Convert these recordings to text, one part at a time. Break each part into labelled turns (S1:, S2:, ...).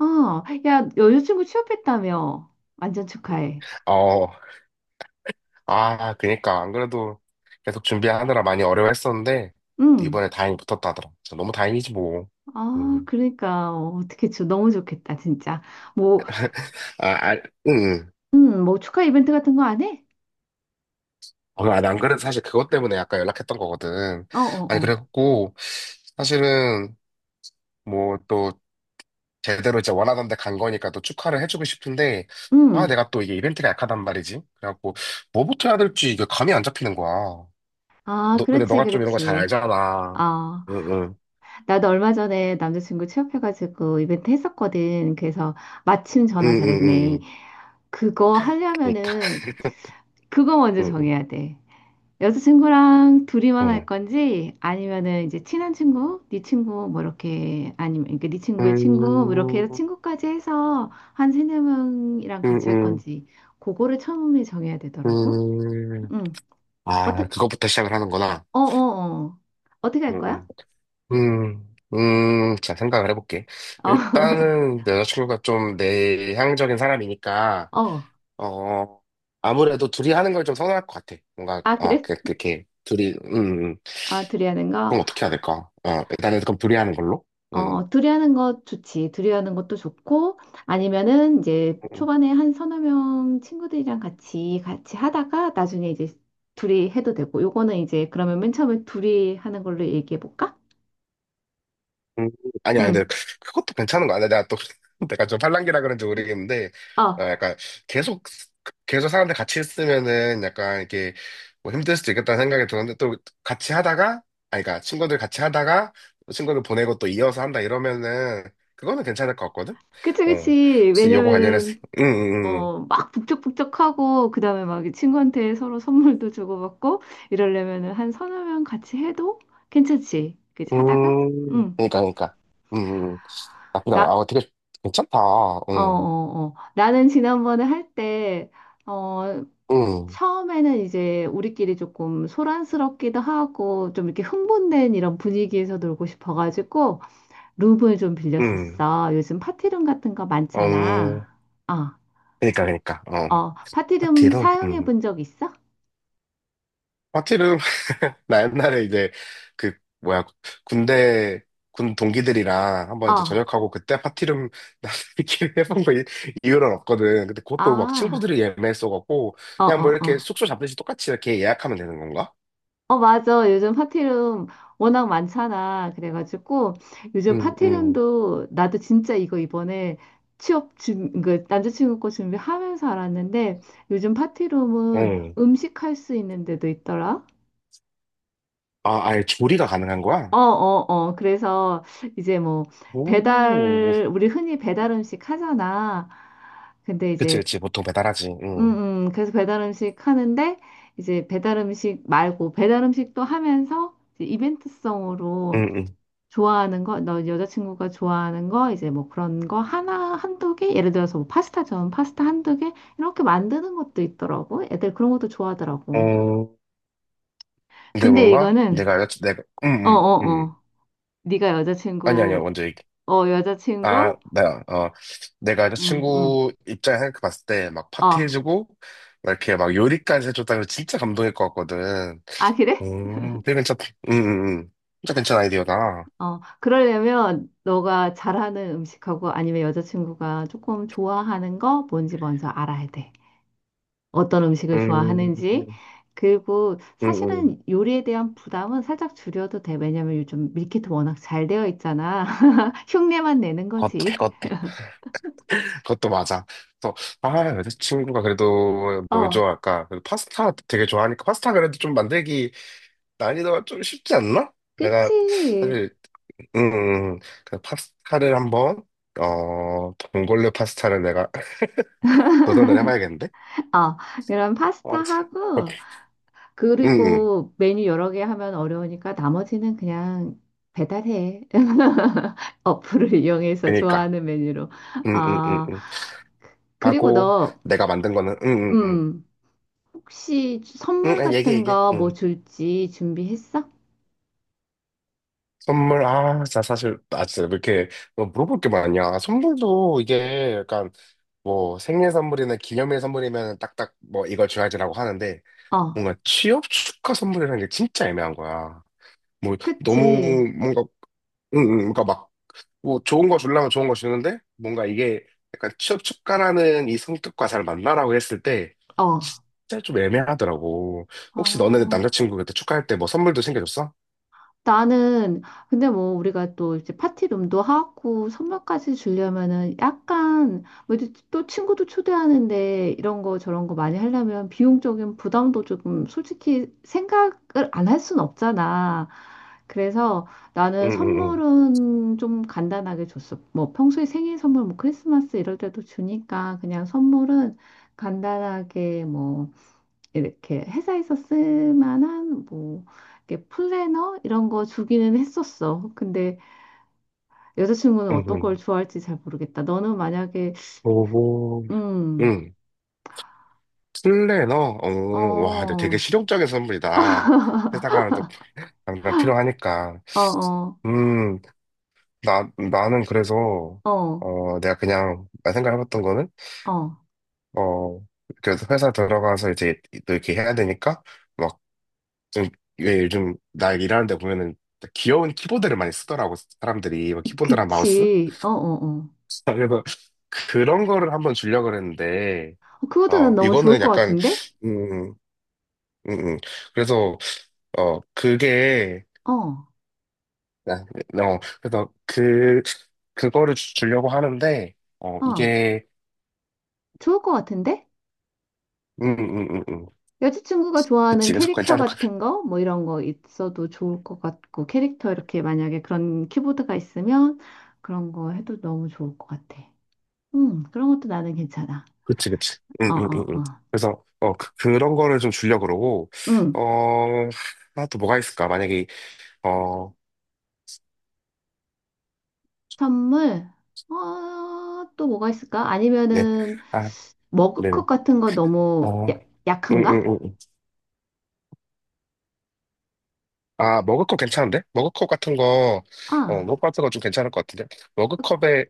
S1: 야, 여자친구 취업했다며. 완전 축하해.
S2: 어, 아, 그니까. 안 그래도 계속 준비하느라 많이 어려워했었는데,
S1: 응.
S2: 이번에 다행히 붙었다 하더라. 진짜 너무 다행이지, 뭐.
S1: 아,
S2: 음.
S1: 그러니까, 어떻게, 저 너무 좋겠다, 진짜. 뭐,
S2: 아, 아, 응.
S1: 뭐, 축하 이벤트 같은 거 안 해?
S2: 어, 아, 안 그래도 사실 그것 때문에 약간 연락했던 거거든.
S1: 어, 어,
S2: 아니,
S1: 어.
S2: 그래갖고, 사실은, 뭐, 또, 제대로 이제 원하던 데 간 거니까 또 축하를 해주고 싶은데, 아,
S1: 응.
S2: 내가 또 이게 이벤트가 약하단 말이지. 그래갖고, 뭐부터 해야 될지 이게 감이 안 잡히는 거야.
S1: 아,
S2: 너, 근데
S1: 그렇지,
S2: 너가 좀 이런 거 잘
S1: 그렇지.
S2: 알잖아.
S1: 아,
S2: 응, 응.
S1: 나도 얼마 전에 남자친구 취업해가지고 이벤트 했었거든. 그래서 마침
S2: 응,
S1: 전화
S2: 응, 응.
S1: 잘했네.
S2: 응.
S1: 그거
S2: 그니까.
S1: 하려면은, 그거 먼저 정해야 돼. 여자친구랑 둘이만
S2: 어.
S1: 할 건지 아니면은 이제 친한 친구, 네 친구 뭐 이렇게 아니면 그러니까 네 친구의 친구 뭐 이렇게 해서
S2: 음,
S1: 친구까지 해서 한 세네 명이랑
S2: 음,
S1: 같이 할
S2: 음,
S1: 건지 그거를 처음에 정해야 되더라고.
S2: 음.
S1: 응.
S2: 아,
S1: 어떻
S2: 그것부터 시작을 하는구나.
S1: 어어 어. 어, 어. 어떻게 할 거야?
S2: 음, 음, 자, 생각을 해볼게.
S1: 어.
S2: 일단은 내 여자친구가 좀 내향적인 사람이니까,
S1: 어.
S2: 어, 아무래도 둘이 하는 걸 좀 선호할 것 같아. 뭔가,
S1: 아,
S2: 어,
S1: 그래?
S2: 그렇게, 둘이,
S1: 아, 둘이 하는 거?
S2: 그럼 어떻게 해야 될까? 어, 일단은 그럼 둘이 하는 걸로? 음.
S1: 어, 둘이하는 것 좋지. 둘이하는 것도 좋고, 아니면은 이제
S2: 음.
S1: 초반에 한 3~4명 친구들이랑 같이 하다가 나중에 이제 둘이 해도 되고, 요거는 이제 그러면 맨 처음에 둘이 하는 걸로 얘기해 볼까?
S2: 음, 아니, 아니, 근데
S1: 응.
S2: 그것도 괜찮은 거 아니야? 내가 또, 내가 좀 팔랑귀라 그런지 모르겠는데, 어,
S1: 어,
S2: 약간 계속, 계속 사람들 같이 있으면은 약간 이렇게 뭐 힘들 수도 있겠다는 생각이 드는데, 또 같이 하다가, 아니, 그러니까 친구들 같이 하다가, 또 친구들 보내고 또 이어서 한다 이러면은, 그거는 괜찮을 것 같거든?
S1: 그치,
S2: 어,
S1: 그치.
S2: 혹시 요거 관련해서,
S1: 왜냐면은,
S2: 응, 응, 응.
S1: 막 북적북적하고, 그 다음에 막 친구한테 서로 선물도 주고받고, 이러려면은 한 3~4명 같이 해도 괜찮지. 그치,
S2: 응.
S1: 하다가? 응.
S2: 그러니까, 그러니까. 음, 음. 나쁘지 않아.
S1: 나,
S2: 아, 되게 괜찮다.
S1: 어,
S2: 응,
S1: 어, 어. 나는 지난번에 할 때, 어,
S2: 응,
S1: 처음에는 이제 우리끼리 조금 소란스럽기도 하고, 좀 이렇게 흥분된 이런 분위기에서 놀고 싶어가지고, 룸을 좀
S2: 응.
S1: 빌렸었어. 요즘 파티룸 같은 거 많잖아.
S2: 어,
S1: 어,
S2: 그러니까, 그러니까. 어.
S1: 어, 파티룸
S2: 파티룸?
S1: 사용해
S2: 음.
S1: 본 적 있어?
S2: 파티룸? 나 옛날에 이제 그 뭐야 군대 군 동기들이랑 한번 이제
S1: 어,
S2: 저녁하고 그때 파티룸 나들끼리 이유는 없거든. 근데 그것도 막
S1: 아,
S2: 친구들이 예매했어갖고
S1: 어,
S2: 그냥 뭐
S1: 어,
S2: 이렇게
S1: 어.
S2: 숙소 잡듯이 똑같이 이렇게 예약하면 되는 건가?
S1: 어, 맞아. 요즘 파티룸 워낙 많잖아. 그래가지고 요즘
S2: 응, 응,
S1: 파티룸도 나도 진짜 이거 이번에 그 남자친구 거 준비하면서 알았는데 요즘 파티룸은
S2: 응.
S1: 음식할 수 있는 데도 있더라.
S2: 아, 아예 조리가 가능한 거야?
S1: 어, 어, 어. 그래서 이제 뭐
S2: 오,
S1: 우리 흔히 배달 음식 하잖아. 근데
S2: 그치,
S1: 이제,
S2: 그치. 보통 배달하지. 응,
S1: 그래서 배달 음식 하는데 이제 배달 음식 말고 배달 음식도 하면서 이제 이벤트성으로
S2: 응,
S1: 좋아하는 거, 너 여자친구가 좋아하는 거, 이제 뭐 그런 거 하나, 1~2개? 예를 들어서 뭐 파스타 전 파스타 1~2개? 이렇게 만드는 것도 있더라고. 애들 그런 것도
S2: 응.
S1: 좋아하더라고.
S2: 어, 근데
S1: 근데
S2: 뭔가
S1: 이거는,
S2: 내가 응,
S1: 어,
S2: 응,
S1: 어,
S2: 응.
S1: 어. 네가
S2: 아니 아니야
S1: 여자친구,
S2: 먼저 얘기해. 아,
S1: 여자친구?
S2: 내가, 어, 내가
S1: 음, 음.
S2: 여자친구 입장에 생각해 봤을 때, 막
S1: 어.
S2: 파티해주고, 막 이렇게 막 요리까지 해줬다면 진짜 감동일 것 같거든.
S1: 아, 그래?
S2: 되게 괜찮다. 음, 음, 음. 진짜 괜찮은 아이디어다.
S1: 어. 그러려면 너가 잘하는 음식하고 아니면 여자친구가 조금 좋아하는 거 뭔지 먼저 알아야 돼. 어떤 음식을 좋아하는지.
S2: 음,
S1: 그리고
S2: 음, 음.
S1: 사실은 요리에 대한 부담은 살짝 줄여도 돼. 왜냐면 요즘 밀키트 워낙 잘 되어 있잖아. 흉내만 내는
S2: 그것도,
S1: 거지.
S2: 그것도, 그것도 맞아. 또, 아, 여자친구가 그래도 뭘
S1: 어,
S2: 좋아할까? 그래도 파스타 되게 좋아하니까 파스타 그래도 좀 만들기 난이도가 좀 쉽지 않나? 내가
S1: 그치.
S2: 사실 음, 그 파스타를 한번, 어, 봉골레 파스타를 내가 도전을 해봐야겠는데?
S1: 어, 이런 파스타
S2: 어, 참.
S1: 하고,
S2: 응, 응,
S1: 그리고 메뉴 여러 개 하면 어려우니까 나머지는 그냥 배달해. 어플을 이용해서
S2: 그니까.
S1: 좋아하는 메뉴로.
S2: 응, 응, 응,
S1: 아,
S2: 응.
S1: 그리고
S2: 하고,
S1: 너,
S2: 내가 만든 거는, 응, 응,
S1: 음, 혹시
S2: 응.
S1: 선물
S2: 응, 얘기해,
S1: 같은
S2: 얘기해.
S1: 거 뭐
S2: 응.
S1: 줄지 준비했어?
S2: 선물, 아, 자, 사실, 아, 진짜, 왜 이렇게, 뭐 물어볼 게 많냐. 선물도 이게, 약간, 뭐, 생일 선물이나 기념일 선물이면 딱딱, 뭐, 이걸 줘야지라고 하는데,
S1: 어,
S2: 뭔가 취업 축하 선물이라는 게 진짜 애매한 거야. 뭐, 너무,
S1: 그치.
S2: 뭔가, 응, 응, 그러니까 막, 뭐 좋은 거 주려면 좋은 거 주는데 뭔가 이게 약간 취업 촉구하는 이 성격과 잘 맞나라고 했을 때
S1: 어,
S2: 진짜 좀 애매하더라고. 혹시 너는
S1: 어,
S2: 남자친구 그때 축하할 때 뭐 선물도 챙겨줬어?
S1: 나는, 근데 뭐, 우리가 또 이제 파티룸도 하고, 선물까지 주려면은 약간, 뭐, 이제 또 친구도 초대하는데, 이런 거 저런 거 많이 하려면 비용적인 부담도 조금 솔직히 생각을 안 할 순 없잖아. 그래서 나는
S2: 응응응.
S1: 선물은 좀 간단하게 줬어. 뭐, 평소에 생일 선물, 뭐, 크리스마스 이럴 때도 주니까, 그냥 선물은 간단하게 뭐, 이렇게 회사에서 쓸 만한 뭐 이렇게 플래너 이런 거 주기는 했었어. 근데 여자친구는 어떤 걸
S2: 응응.
S1: 좋아할지 잘 모르겠다. 너는 만약에
S2: 오호.
S1: 음,
S2: 응. 슬래너? 어,
S1: 어,
S2: 와, 근데 되게
S1: 어,
S2: 실용적인 선물이다. 회사 가면 또 당장 필요하니까.
S1: 어,
S2: 음, 나는 그래서,
S1: 어,
S2: 어, 내가 그냥, 나 생각해봤던 거는,
S1: 어,
S2: 어, 그래서 회사 들어가서 이제 또 이렇게 해야 되니까, 막, 좀, 왜 요즘 나 일하는 데 보면은 귀여운 키보드를 많이 쓰더라고, 사람들이. 뭐 키보드랑 마우스?
S1: 그치, 어, 어, 어.
S2: 그래서 그런 거를 한번 주려고 그랬는데,
S1: 그것도
S2: 어,
S1: 난 너무 좋을
S2: 이거는
S1: 것
S2: 약간,
S1: 같은데?
S2: 음, 음, 음. 그래서, 어, 그게,
S1: 어,
S2: 아, 어, 그래서 그, 주려고 하는데, 어,
S1: 어,
S2: 이게,
S1: 좋을 것 같은데?
S2: 음, 음, 음, 음.
S1: 여자친구가 좋아하는
S2: 그치, 그래서
S1: 캐릭터
S2: 괜찮을 것
S1: 같은 거, 뭐 이런 거 있어도 좋을 것 같고, 캐릭터 이렇게 만약에 그런 키보드가 있으면 그런 거 해도 너무 좋을 것 같아. 그런 것도 나는 괜찮아.
S2: 그치, 그치.
S1: 어,
S2: 응, 응, 응,
S1: 어,
S2: 응.
S1: 어.
S2: 그래서, 어, 그, 런 거를 좀 주려고 그러고,
S1: 음,
S2: 어, 하나 또 뭐가 있을까? 만약에, 어,
S1: 선물? 어, 또 뭐가 있을까?
S2: 네.
S1: 아니면은,
S2: 아, 네네.
S1: 머그컵 같은 거 너무
S2: 어, 응,
S1: 약한가?
S2: 응, 응. 응. 아, 머그컵 괜찮은데? 머그컵 같은 거, 어,
S1: 아,
S2: 머그컵 같은 거 좀 괜찮을 것 같은데? 머그컵에,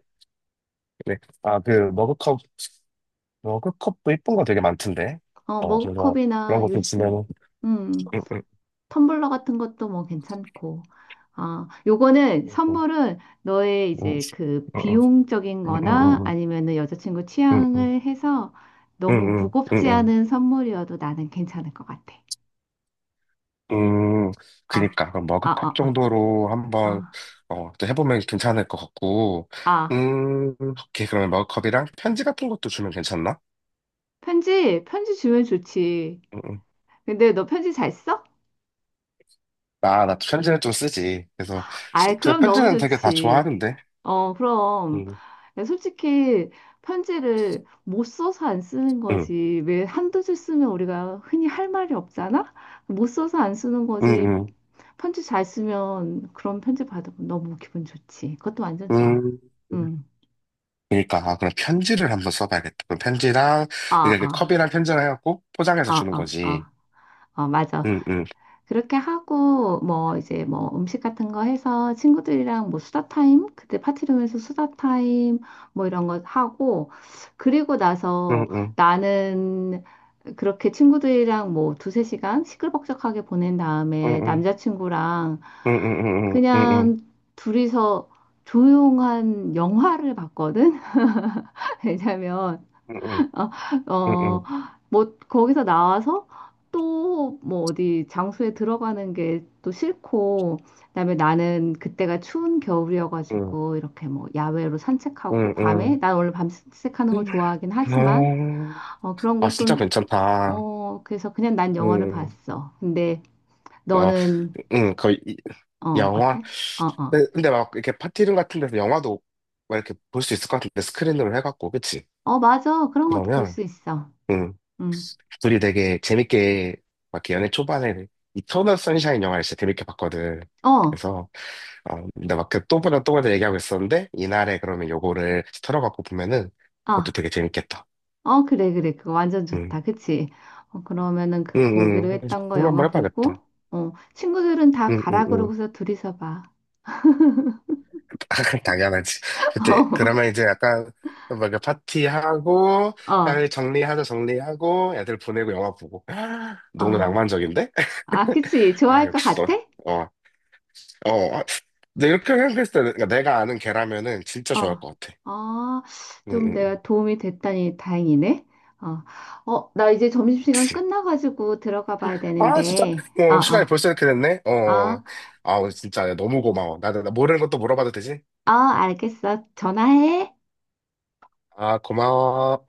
S2: 네. 아, 그, 머그컵, 머그컵도 이쁜 거 되게 많던데?
S1: 어,
S2: 어, 그래서 그런
S1: 머그컵이나
S2: 거 좀
S1: 요즘,
S2: 주면은,
S1: 음,
S2: 응, 응,
S1: 텀블러 같은 것도 뭐 괜찮고. 아, 요거는,
S2: 응, 응,
S1: 선물은 너의
S2: 응,
S1: 이제 그
S2: 응,
S1: 비용적인
S2: 응,
S1: 거나
S2: 응,
S1: 아니면은 여자친구
S2: 응, 응, 응,
S1: 취향을 해서
S2: 응,
S1: 너무
S2: 응, 응,
S1: 무겁지
S2: 응.
S1: 않은 선물이어도 나는 괜찮을 것 같아.
S2: 음,
S1: 아,
S2: 그니까, 그럼
S1: 아,
S2: 머그컵
S1: 아, 아,
S2: 정도로 한번,
S1: 아.
S2: 어, 해보면 괜찮을 것 같고,
S1: 아.
S2: 오케이. 그러면 머그컵이랑 편지 같은 것도 주면 괜찮나?
S1: 편지, 편지 주면 좋지.
S2: 음, 음.
S1: 근데 너 편지 잘 써?
S2: 아, 나도 편지는 좀 쓰지. 그래서,
S1: 아이,
S2: 근
S1: 그럼 너무
S2: 편지는 되게 다
S1: 좋지.
S2: 좋아하는데,
S1: 어, 그럼.
S2: 음,
S1: 솔직히 편지를 못 써서 안 쓰는
S2: 음,
S1: 거지. 왜 1~2줄 쓰면 우리가 흔히 할 말이 없잖아? 못 써서 안 쓰는 거지.
S2: 음,
S1: 편지 잘 쓰면 그런 편지 받으면 너무 기분 좋지. 그것도 완전
S2: 음,
S1: 좋아.
S2: 음.
S1: 응.
S2: 그니까, 아, 그럼 편지를 한번 써봐야겠다. 그럼 편지랑, 이
S1: 아,
S2: 게
S1: 아,
S2: 컵이랑 편지를 해갖고 포장해서
S1: 아,
S2: 주는
S1: 아,
S2: 거지.
S1: 아. 아, 맞아.
S2: 응, 응,
S1: 그렇게 하고 뭐 이제 뭐 음식 같은 거 해서 친구들이랑 뭐 수다 타임 그때 파티룸에서 수다 타임 뭐 이런 거 하고 그리고
S2: 응,
S1: 나서
S2: 응,
S1: 나는 그렇게 친구들이랑 뭐 2~3시간 시끌벅적하게 보낸
S2: 응,
S1: 다음에
S2: 응,
S1: 남자친구랑
S2: 응, 응, 응, 응, 응, 응,
S1: 그냥 둘이서 조용한 영화를 봤거든. 왜냐면
S2: 응,
S1: 아, 어,
S2: 응,
S1: 뭐, 거기서 나와서 또 뭐 어디 장소에 들어가는 게 또 싫고, 그다음에 나는 그때가 추운
S2: 응, 응,
S1: 겨울이어가지고 이렇게 뭐 야외로 산책하고
S2: 응,
S1: 밤에,
S2: 응.
S1: 난 원래 밤 산책하는 거
S2: 음.
S1: 좋아하긴 하지만,
S2: 어,
S1: 그런
S2: 아, 진짜
S1: 것도,
S2: 괜찮다.
S1: 그래서 그냥 난 영화를
S2: 음,
S1: 봤어. 근데
S2: 어,
S1: 너는,
S2: 음, 거의, 이-
S1: 어때?
S2: 영화.
S1: 어, 어.
S2: 근데, 근데 막, 이렇게 파티룸 같은 데서 영화도 막 이렇게 볼 수 있을 것 같은데, 스크린으로 해갖고, 그치?
S1: 어, 맞아. 그런 것도 볼
S2: 그러면,
S1: 수 있어.
S2: 음,
S1: 응.
S2: 둘이 되게 재밌게, 막 이렇게 연애 초반에, 이터널 선샤인 영화를 진짜 재밌게 봤거든.
S1: 어,
S2: 그래서, 어, 근데 막 그 또 보다 또 보다 얘기하고 있었는데, 이날에 그러면 요거를 털어갖고 보면은, 그것도
S1: 아.
S2: 되게 재밌겠다.
S1: 어, 그래, 그래. 그거 완전
S2: 응,
S1: 좋다. 그치? 그러면은
S2: 응,
S1: 그
S2: 응.
S1: 보기로
S2: 그래서
S1: 했던 거
S2: 그걸로
S1: 영화
S2: 한번
S1: 보고,
S2: 해봐야겠다.
S1: 친구들은 다
S2: 응, 응,
S1: 가라
S2: 응.
S1: 그러고서 둘이서 봐.
S2: 당연하지. 그때, 그러면 이제 약간, 뭔가 파티하고,
S1: 어,
S2: 딸 정리하자 정리하고, 애들 보내고 영화 보고.
S1: 어.
S2: 너무 낭만적인데?
S1: 아, 그치?
S2: 아,
S1: 좋아할 것
S2: 역시 너,
S1: 같아?
S2: 어, 어. 어. 근데 이렇게 생각했을 때, 그러니까 내가 아는 걔라면은 진짜
S1: 어.
S2: 좋아할 것 같아.
S1: 아,
S2: 응, 응,
S1: 좀
S2: 응.
S1: 내가 도움이 됐다니 다행이네. 어, 어, 나 이제 점심시간
S2: 그치.
S1: 끝나가지고 들어가 봐야
S2: 아, 진짜?
S1: 되는데. 어,
S2: 어, 시간이
S1: 어.
S2: 벌써 이렇게 됐네?
S1: 어,
S2: 어. 아, 오늘 진짜 너무 고마워. 나 모르는 것도 물어봐도 되지?
S1: 어, 알겠어. 전화해.
S2: 아, 고마워.